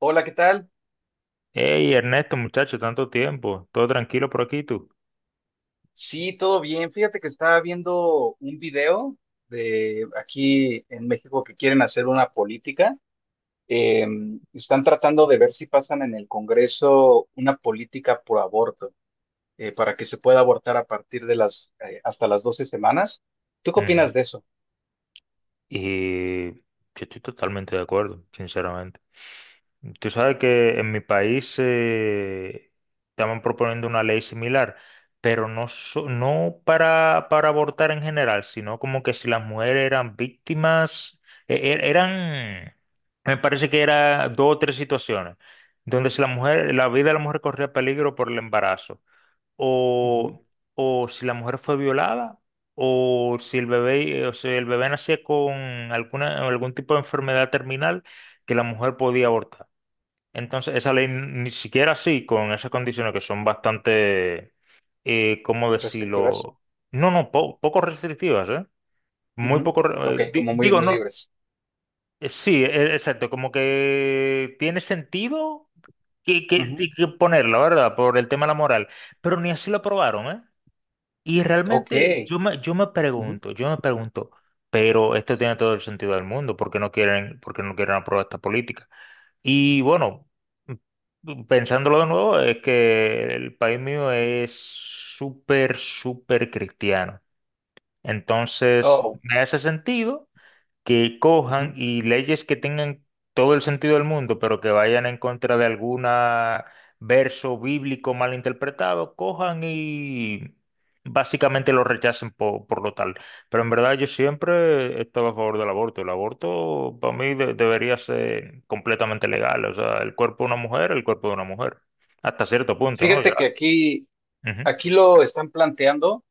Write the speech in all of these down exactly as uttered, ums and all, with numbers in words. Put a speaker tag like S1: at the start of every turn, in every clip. S1: Hola, ¿qué tal?
S2: Hey, Ernesto, muchacho, tanto tiempo. Todo tranquilo por aquí, tú.
S1: Sí, todo bien. Fíjate que estaba viendo un video de aquí en México que quieren hacer una política. Eh, están tratando de ver si pasan en el Congreso una política por aborto, eh, para que se pueda abortar a partir de las, eh, hasta las doce semanas. ¿Tú qué opinas de
S2: Ujú.
S1: eso?
S2: Y yo estoy totalmente de acuerdo, sinceramente. Tú sabes que en mi país eh, estaban proponiendo una ley similar, pero no, so- no para, para abortar en general, sino como que si las mujeres eran víctimas, e- e- eran, me parece que era dos o tres situaciones, donde si la mujer, la vida de la mujer corría peligro por el embarazo.
S1: Ujú.
S2: o, o si la mujer fue violada, o si el bebé, o si el bebé nacía con alguna, algún tipo de enfermedad terminal que la mujer podía abortar. Entonces, esa ley ni siquiera así, con esas condiciones que son bastante, eh, ¿cómo
S1: ¿Restrictivas?
S2: decirlo? No, no, po- poco restrictivas, ¿eh? Muy
S1: Ujú.
S2: poco, re-
S1: Ok,
S2: eh, di-
S1: como muy,
S2: digo,
S1: muy
S2: no,
S1: libres.
S2: eh, sí, e- exacto, como que tiene sentido que, que,
S1: Ujú.
S2: que ponerla, ¿verdad? Por el tema de la moral, pero ni así lo aprobaron, ¿eh? Y
S1: Ok.
S2: realmente yo me, yo me
S1: Ujú.
S2: pregunto, yo me pregunto, pero esto tiene todo el sentido del mundo, ¿por qué no quieren, por qué no quieren aprobar esta política? Y bueno, mm, pensándolo de nuevo, es que el país mío es súper, súper cristiano. Entonces,
S1: Oh.
S2: me hace sentido que cojan
S1: Ujú.
S2: y leyes que tengan todo el sentido del mundo, pero que vayan en contra de algún verso bíblico mal interpretado, cojan y básicamente lo rechacen po- por, lo tal. Pero en verdad yo siempre estaba a favor del aborto. El aborto para mí de- debería ser completamente legal. O sea, el cuerpo de una mujer, el cuerpo de una mujer. Hasta cierto punto, ¿no? Ya.
S1: Fíjate que aquí,
S2: Ujú,
S1: aquí lo están planteando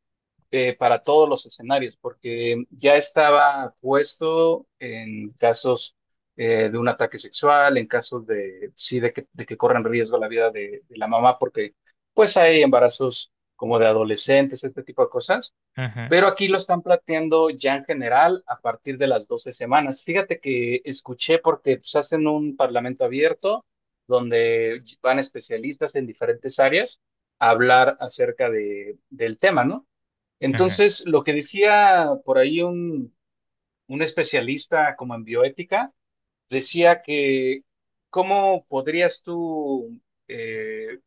S1: eh, para todos los escenarios, porque ya estaba puesto en casos eh, de un ataque sexual, en casos de, sí, de que, de que corran riesgo la vida de, de la mamá, porque pues hay embarazos como de adolescentes, este tipo de cosas,
S2: ujú,
S1: pero aquí lo están planteando ya en general a partir de las doce semanas. Fíjate que escuché porque pues, hacen un parlamento abierto donde van especialistas en diferentes áreas a hablar acerca de, del tema, ¿no?
S2: ujú.
S1: Entonces, lo que decía por ahí un, un especialista como en bioética, decía que cómo podrías tú, eh,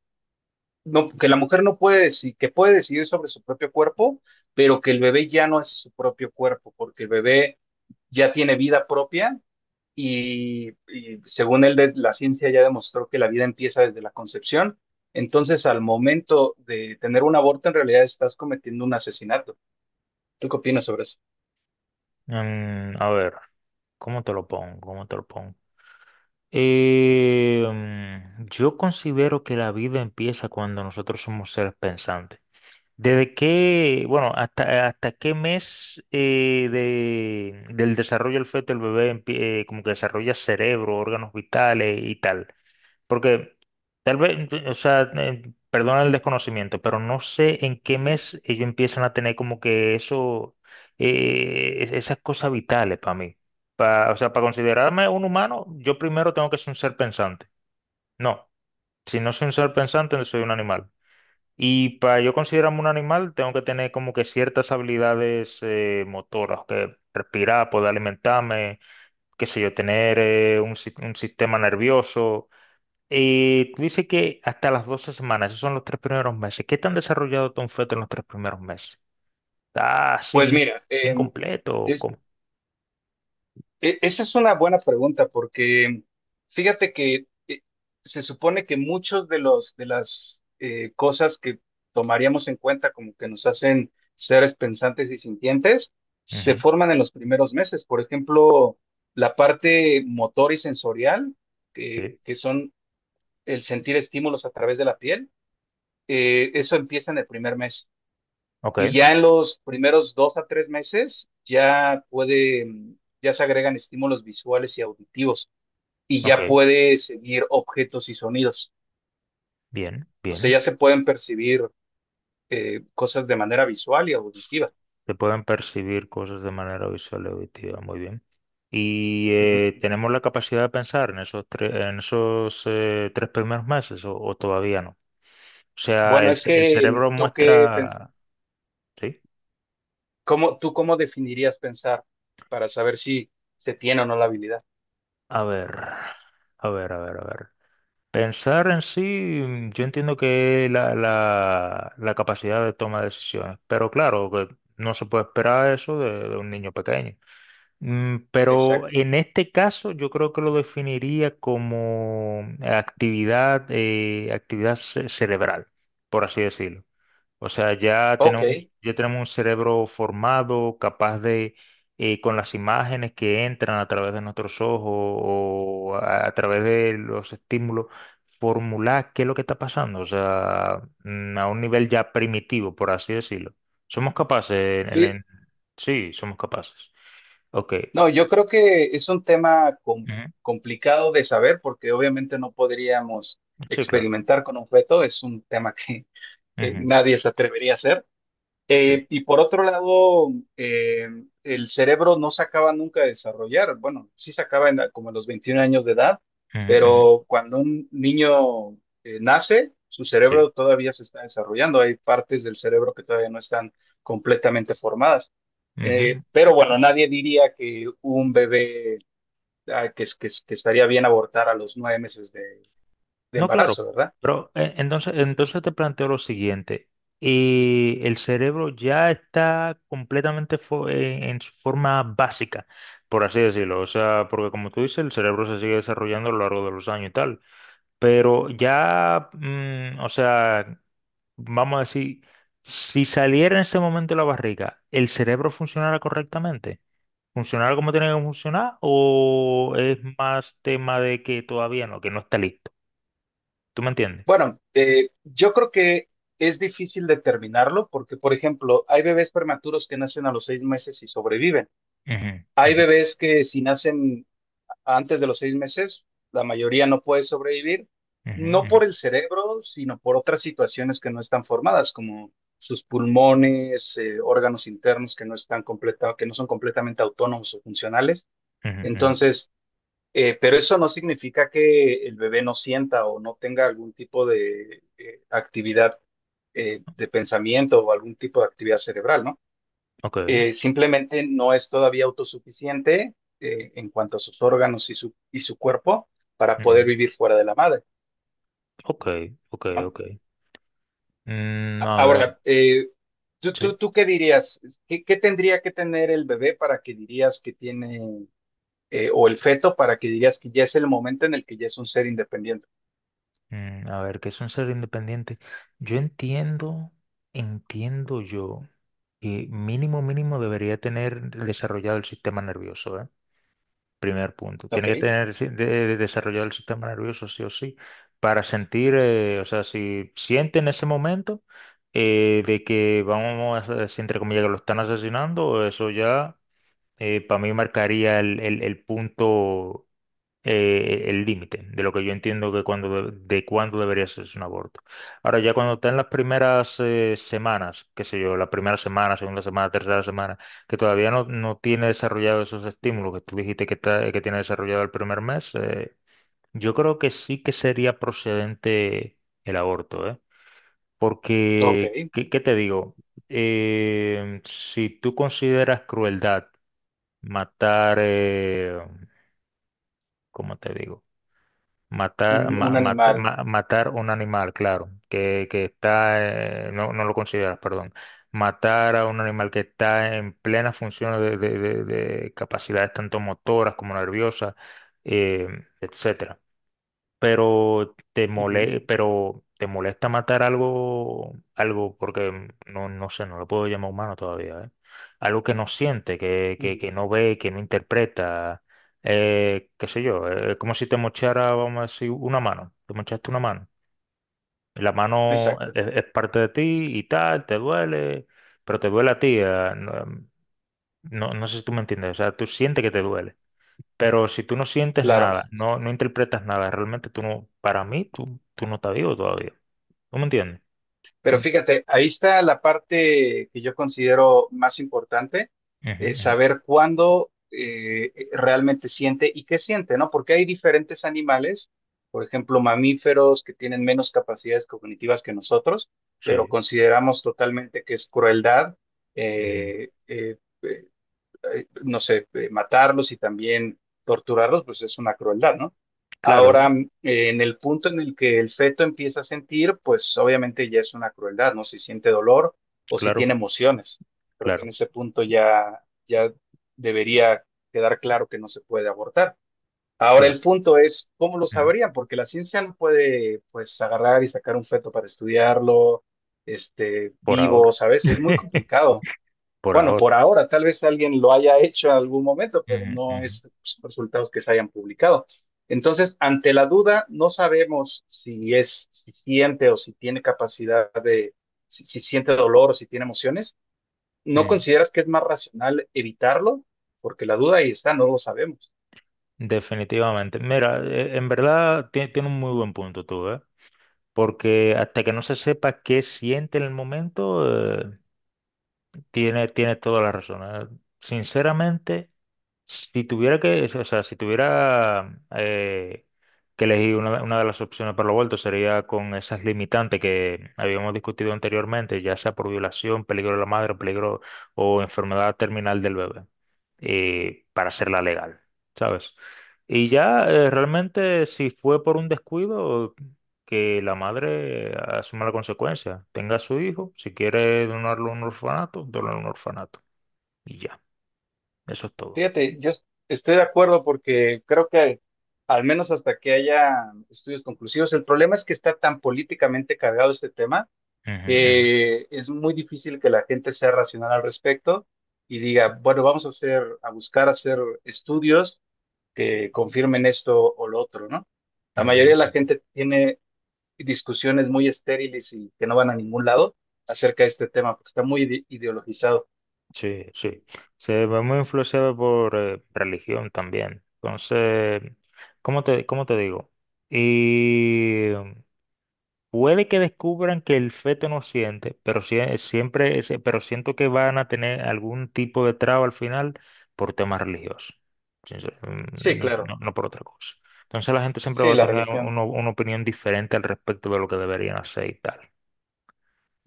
S1: no, que la mujer no puede decir, que puede decidir sobre su propio cuerpo, pero que el bebé ya no es su propio cuerpo, porque el bebé ya tiene vida propia y, y según él, de- la ciencia ya demostró que la vida empieza desde la concepción. Entonces, al momento de tener un aborto, en realidad estás cometiendo un asesinato. ¿Tú qué opinas sobre eso?
S2: Mm, a ver, ¿cómo te lo pongo? ¿Cómo te lo pongo? Eh, mm, yo considero que la vida empieza cuando nosotros somos seres pensantes. ¿Desde qué, bueno, hasta, hasta qué mes eh, de- del desarrollo del feto el bebé empie- eh, como que desarrolla cerebro, órganos vitales y tal? Porque tal vez, o sea, eh, perdona el desconocimiento, pero no sé en qué mes ellos empiezan a tener como que eso, eh, es- esas cosas vitales para mí. Pa- o sea, para considerarme un humano, yo primero tengo que ser un ser pensante. No, si no soy un ser pensante, no soy un animal. Y para yo considerarme un animal, tengo que tener como que ciertas habilidades eh, motoras, que respirar, poder alimentarme, qué sé yo, tener eh, un si- un sistema nervioso eh, tú dices que hasta las doce semanas, esos son los tres primeros meses. ¿Qué tan desarrollado está un feto en los tres primeros meses? Está así
S1: Pues
S2: bien,
S1: mira,
S2: bien
S1: em,
S2: completo. ¿O
S1: es-
S2: cómo?
S1: e- esa es una buena pregunta porque fíjate que eh, se supone que muchos de los de las eh, cosas que tomaríamos en cuenta como que nos hacen seres pensantes y sintientes se
S2: Ujú.
S1: forman en los primeros meses. Por ejemplo, la parte motor y sensorial, que
S2: Sí.
S1: que son el sentir estímulos a través de la piel, eh, eso empieza en el primer mes. Y
S2: Ok,
S1: ya en los primeros dos a tres meses ya puede, mm, ya se agregan estímulos visuales y auditivos y
S2: ok.
S1: ya puede seguir objetos y sonidos.
S2: Bien,
S1: O sea,
S2: bien.
S1: ya se pueden percibir eh, cosas de manera visual y auditiva.
S2: Se pueden percibir cosas de manera visual y auditiva, muy bien. Y
S1: Ujú.
S2: eh, tenemos la capacidad de pensar en esos, tres en esos eh, tres primeros meses o, o todavía no. O sea,
S1: Bueno,
S2: el,
S1: es
S2: ce- el
S1: que mm,
S2: cerebro
S1: tú qué, pens-
S2: muestra. Sí,
S1: cómo, tú cómo definirías pensar para saber si se tiene o no la habilidad.
S2: a ver, a ver, a ver, a ver. Pensar en sí, mm, yo entiendo que es la, la, la capacidad de toma de decisiones, pero claro, que no se puede esperar eso de, de un niño pequeño. Mm, Pero
S1: Exacto.
S2: en este caso yo creo que lo definiría como actividad, eh, actividad ce- cerebral, por así decirlo. O sea, ya
S1: Ok.
S2: tenemos, ya tenemos un cerebro formado, capaz de, eh, con las imágenes que entran a través de nuestros ojos o a, a través de los estímulos, formular qué es lo que está pasando. O sea, mm, a un nivel ya primitivo, por así decirlo. Somos capaces, en-
S1: Y,
S2: en- sí, somos capaces. Ok.
S1: No, yo creo que es un tema com-
S2: Ujú.
S1: complicado de saber porque obviamente no podríamos
S2: Sí, claro.
S1: experimentar con un objeto, es un tema que eh,
S2: Ujú.
S1: nadie se atrevería a hacer, eh,
S2: Sí.
S1: y por otro lado, eh, el cerebro no se acaba nunca de desarrollar. Bueno, sí se acaba en la- como a los veintiún años de edad,
S2: Ujú, ujú.
S1: pero cuando un niño eh, nace, su
S2: Sí.
S1: cerebro todavía se está desarrollando. Hay partes del cerebro que todavía no están completamente formadas.
S2: Ujú.
S1: Eh, pero bueno, nadie diría que un bebé, ah, que, es- que- es- que estaría bien abortar a los nueve meses de de
S2: No, claro,
S1: embarazo, ¿verdad?
S2: pero eh, entonces, entonces te planteo lo siguiente. Y el cerebro ya está completamente fo- en, en su forma básica, por así decirlo. O sea, porque como tú dices, el cerebro se sigue desarrollando a lo largo de los años y tal. Pero ya, mm, o sea, vamos a decir, si saliera en ese momento de la barriga, ¿el cerebro funcionara correctamente? ¿Funcionara como tiene que funcionar? ¿O es más tema de que todavía no, que no está listo? ¿Tú me entiendes?
S1: Bueno, eh, yo creo que es difícil determinarlo porque, por ejemplo, hay bebés prematuros que nacen a los seis meses y sobreviven.
S2: Ujú,
S1: Hay
S2: ujú,
S1: bebés que si nacen antes de los seis meses, la mayoría no puede sobrevivir, no
S2: ujú,
S1: por el cerebro, sino por otras situaciones que no están formadas, como sus pulmones, eh, órganos internos que no están completa, que no son completamente autónomos o funcionales.
S2: ujú, ujú, ujú.
S1: Entonces, eh, pero eso no significa que el bebé no sienta o no tenga algún tipo de eh, actividad eh, de pensamiento o algún tipo de actividad cerebral, ¿no?
S2: Ok,
S1: Eh, simplemente no es todavía autosuficiente eh, en cuanto a sus órganos y su, y su cuerpo para poder
S2: ujú.
S1: vivir fuera de la madre,
S2: Ok, ok,
S1: ¿no?
S2: ok. Mm, a ver,
S1: Ahora, eh, ¿tú, tú,
S2: sí.
S1: tú qué dirías? ¿Qué, qué tendría que tener el bebé para que dirías que tiene, eh, o el feto para que dirías que ya es el momento en el que ya es un ser independiente?
S2: Mm, a ver, ¿qué es un ser independiente? Yo entiendo, entiendo yo que mínimo, mínimo debería tener desarrollado el sistema nervioso, ¿eh? Primer punto. Tiene
S1: Ok,
S2: que tener si- de- de- desarrollado el sistema nervioso sí o sí para sentir, eh, o sea, si siente en ese momento eh, de que vamos, a, si entre comillas que lo están asesinando, eso ya eh, para mí marcaría el, el- el punto, eh, el límite de lo que yo entiendo que cuando, de, de cuándo debería ser un aborto. Ahora, ya cuando está en las primeras eh, semanas, qué sé yo, la primera semana, segunda semana, tercera semana, que todavía no, no tiene desarrollado esos estímulos que tú dijiste que, está- que tiene desarrollado el primer mes, eh, yo creo que sí que sería procedente el aborto, ¿eh?
S1: ok.
S2: Porque, ¿qué, qué te digo? Eh, si tú consideras crueldad, Matar, eh, ¿cómo te digo? Matar,
S1: un,
S2: ma-
S1: un
S2: mata-
S1: animal.
S2: ma- matar un animal, claro, que, que está, eh, no, no lo consideras, perdón. Matar a un animal que está en plena función de, de- de- de capacidades tanto motoras como nerviosas, eh, etcétera, pero te
S1: Ujú,
S2: mole, pero te molesta matar algo, algo, porque no, no sé, no lo puedo llamar humano todavía, ¿eh? Algo que no siente, que, que,
S1: ujú.
S2: que no ve, que no interpreta, eh, qué sé yo, eh, es como si te mochara, vamos a decir, una mano, te mochaste una mano. La mano
S1: Exacto,
S2: es, es parte de ti y tal, te duele, pero te duele a ti, eh, no, no no sé si tú me entiendes, o sea, tú sientes que te duele pero si tú no sientes
S1: claro.
S2: nada, no, no interpretas nada, realmente tú no, para mí, tú, tú no estás vivo todavía. ¿Tú me entiendes?
S1: Pero
S2: Mm.
S1: fíjate, ahí está la parte que yo considero más importante,
S2: Ujú,
S1: es
S2: ujú.
S1: saber cuándo eh, eh, realmente siente y qué siente, ¿no? Porque hay diferentes animales, por ejemplo, mamíferos que tienen menos capacidades cognitivas que nosotros, pero
S2: Sí.
S1: consideramos totalmente que es crueldad.
S2: Ujú.
S1: eh, eh, eh, eh, no sé, eh, matarlos y también torturarlos, pues es una crueldad, ¿no?
S2: Claro, de-
S1: Ahora, eh, en el punto en el que el feto empieza a sentir, pues obviamente ya es una crueldad, ¿no? Si siente dolor o si
S2: claro,
S1: tiene emociones. Creo que en
S2: claro,
S1: ese punto ya, ya debería quedar claro que no se puede abortar. Ahora el
S2: claro.
S1: punto es, ¿cómo lo
S2: Ujú.
S1: sabrían? Porque la ciencia no puede, pues, agarrar y sacar un feto para estudiarlo, este,
S2: Por
S1: vivo,
S2: ahora.
S1: ¿sabes? Es muy complicado.
S2: Por
S1: Bueno,
S2: ahora.
S1: por ahora, tal vez alguien lo haya hecho en algún momento, pero
S2: Ujú,
S1: no
S2: ujú,
S1: es resultados que se hayan publicado. Entonces, ante la duda, no sabemos si es, si siente o si tiene capacidad de, si, si siente dolor o si tiene emociones. ¿No
S2: ujú.
S1: consideras que es más racional evitarlo? Porque la duda ahí está, no lo sabemos.
S2: Definitivamente. Mira, eh, en verdad tie- tiene un muy buen punto tú, ¿eh? Porque hasta que no se sepa qué siente en el momento, eh, tiene, tiene toda la razón. ¿Eh? Sinceramente, si tuviera que, o sea, si tuviera eh, que elegir una, una de las opciones para los vueltos sería con esas limitantes que habíamos discutido anteriormente, ya sea por violación, peligro de la madre, peligro o enfermedad terminal del bebé, eh, para hacerla legal, ¿sabes? Y ya eh, realmente si fue por un descuido, que la madre eh, asuma la consecuencia, tenga a su hijo, si quiere donarlo a un orfanato, donarlo a un orfanato, y ya, eso es todo.
S1: Fíjate, yo es- estoy de acuerdo porque creo que al menos hasta que haya estudios conclusivos, el problema es que está tan políticamente cargado este tema,
S2: Ujú, ujú.
S1: eh, es muy difícil que la gente sea racional al respecto y diga, bueno, vamos a hacer, a buscar hacer estudios que confirmen esto o lo otro, ¿no? La mayoría de la
S2: Ujú.
S1: gente tiene discusiones muy estériles y que no van a ningún lado acerca de este tema, porque está muy ide- ideologizado.
S2: Sí, sí. Se ve muy influenciado por eh, religión también. Entonces, ¿cómo te, cómo te digo? Y puede que descubran que el feto no siente, pero sie- eh, siempre, es- pero siento que van a tener algún tipo de traba al final por temas religiosos. Sincer-
S1: Sí,
S2: mm,
S1: claro,
S2: No, no por otra cosa. Entonces la gente siempre
S1: sí,
S2: va a
S1: la
S2: tener
S1: religión,
S2: uno- una opinión diferente al respecto de lo que deberían hacer y tal.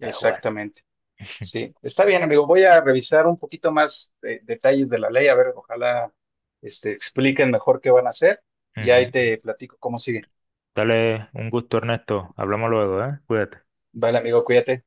S2: Pero bueno.
S1: Sí, está bien, amigo. Voy a revisar un poquito más, eh, detalles de la ley, a ver, ojalá este, expliquen mejor qué van a hacer y ahí
S2: Ujú.
S1: te platico cómo sigue.
S2: Dale, un gusto, Ernesto. Hablamos luego, ¿eh? Cuídate.
S1: Vale, amigo, cuídate.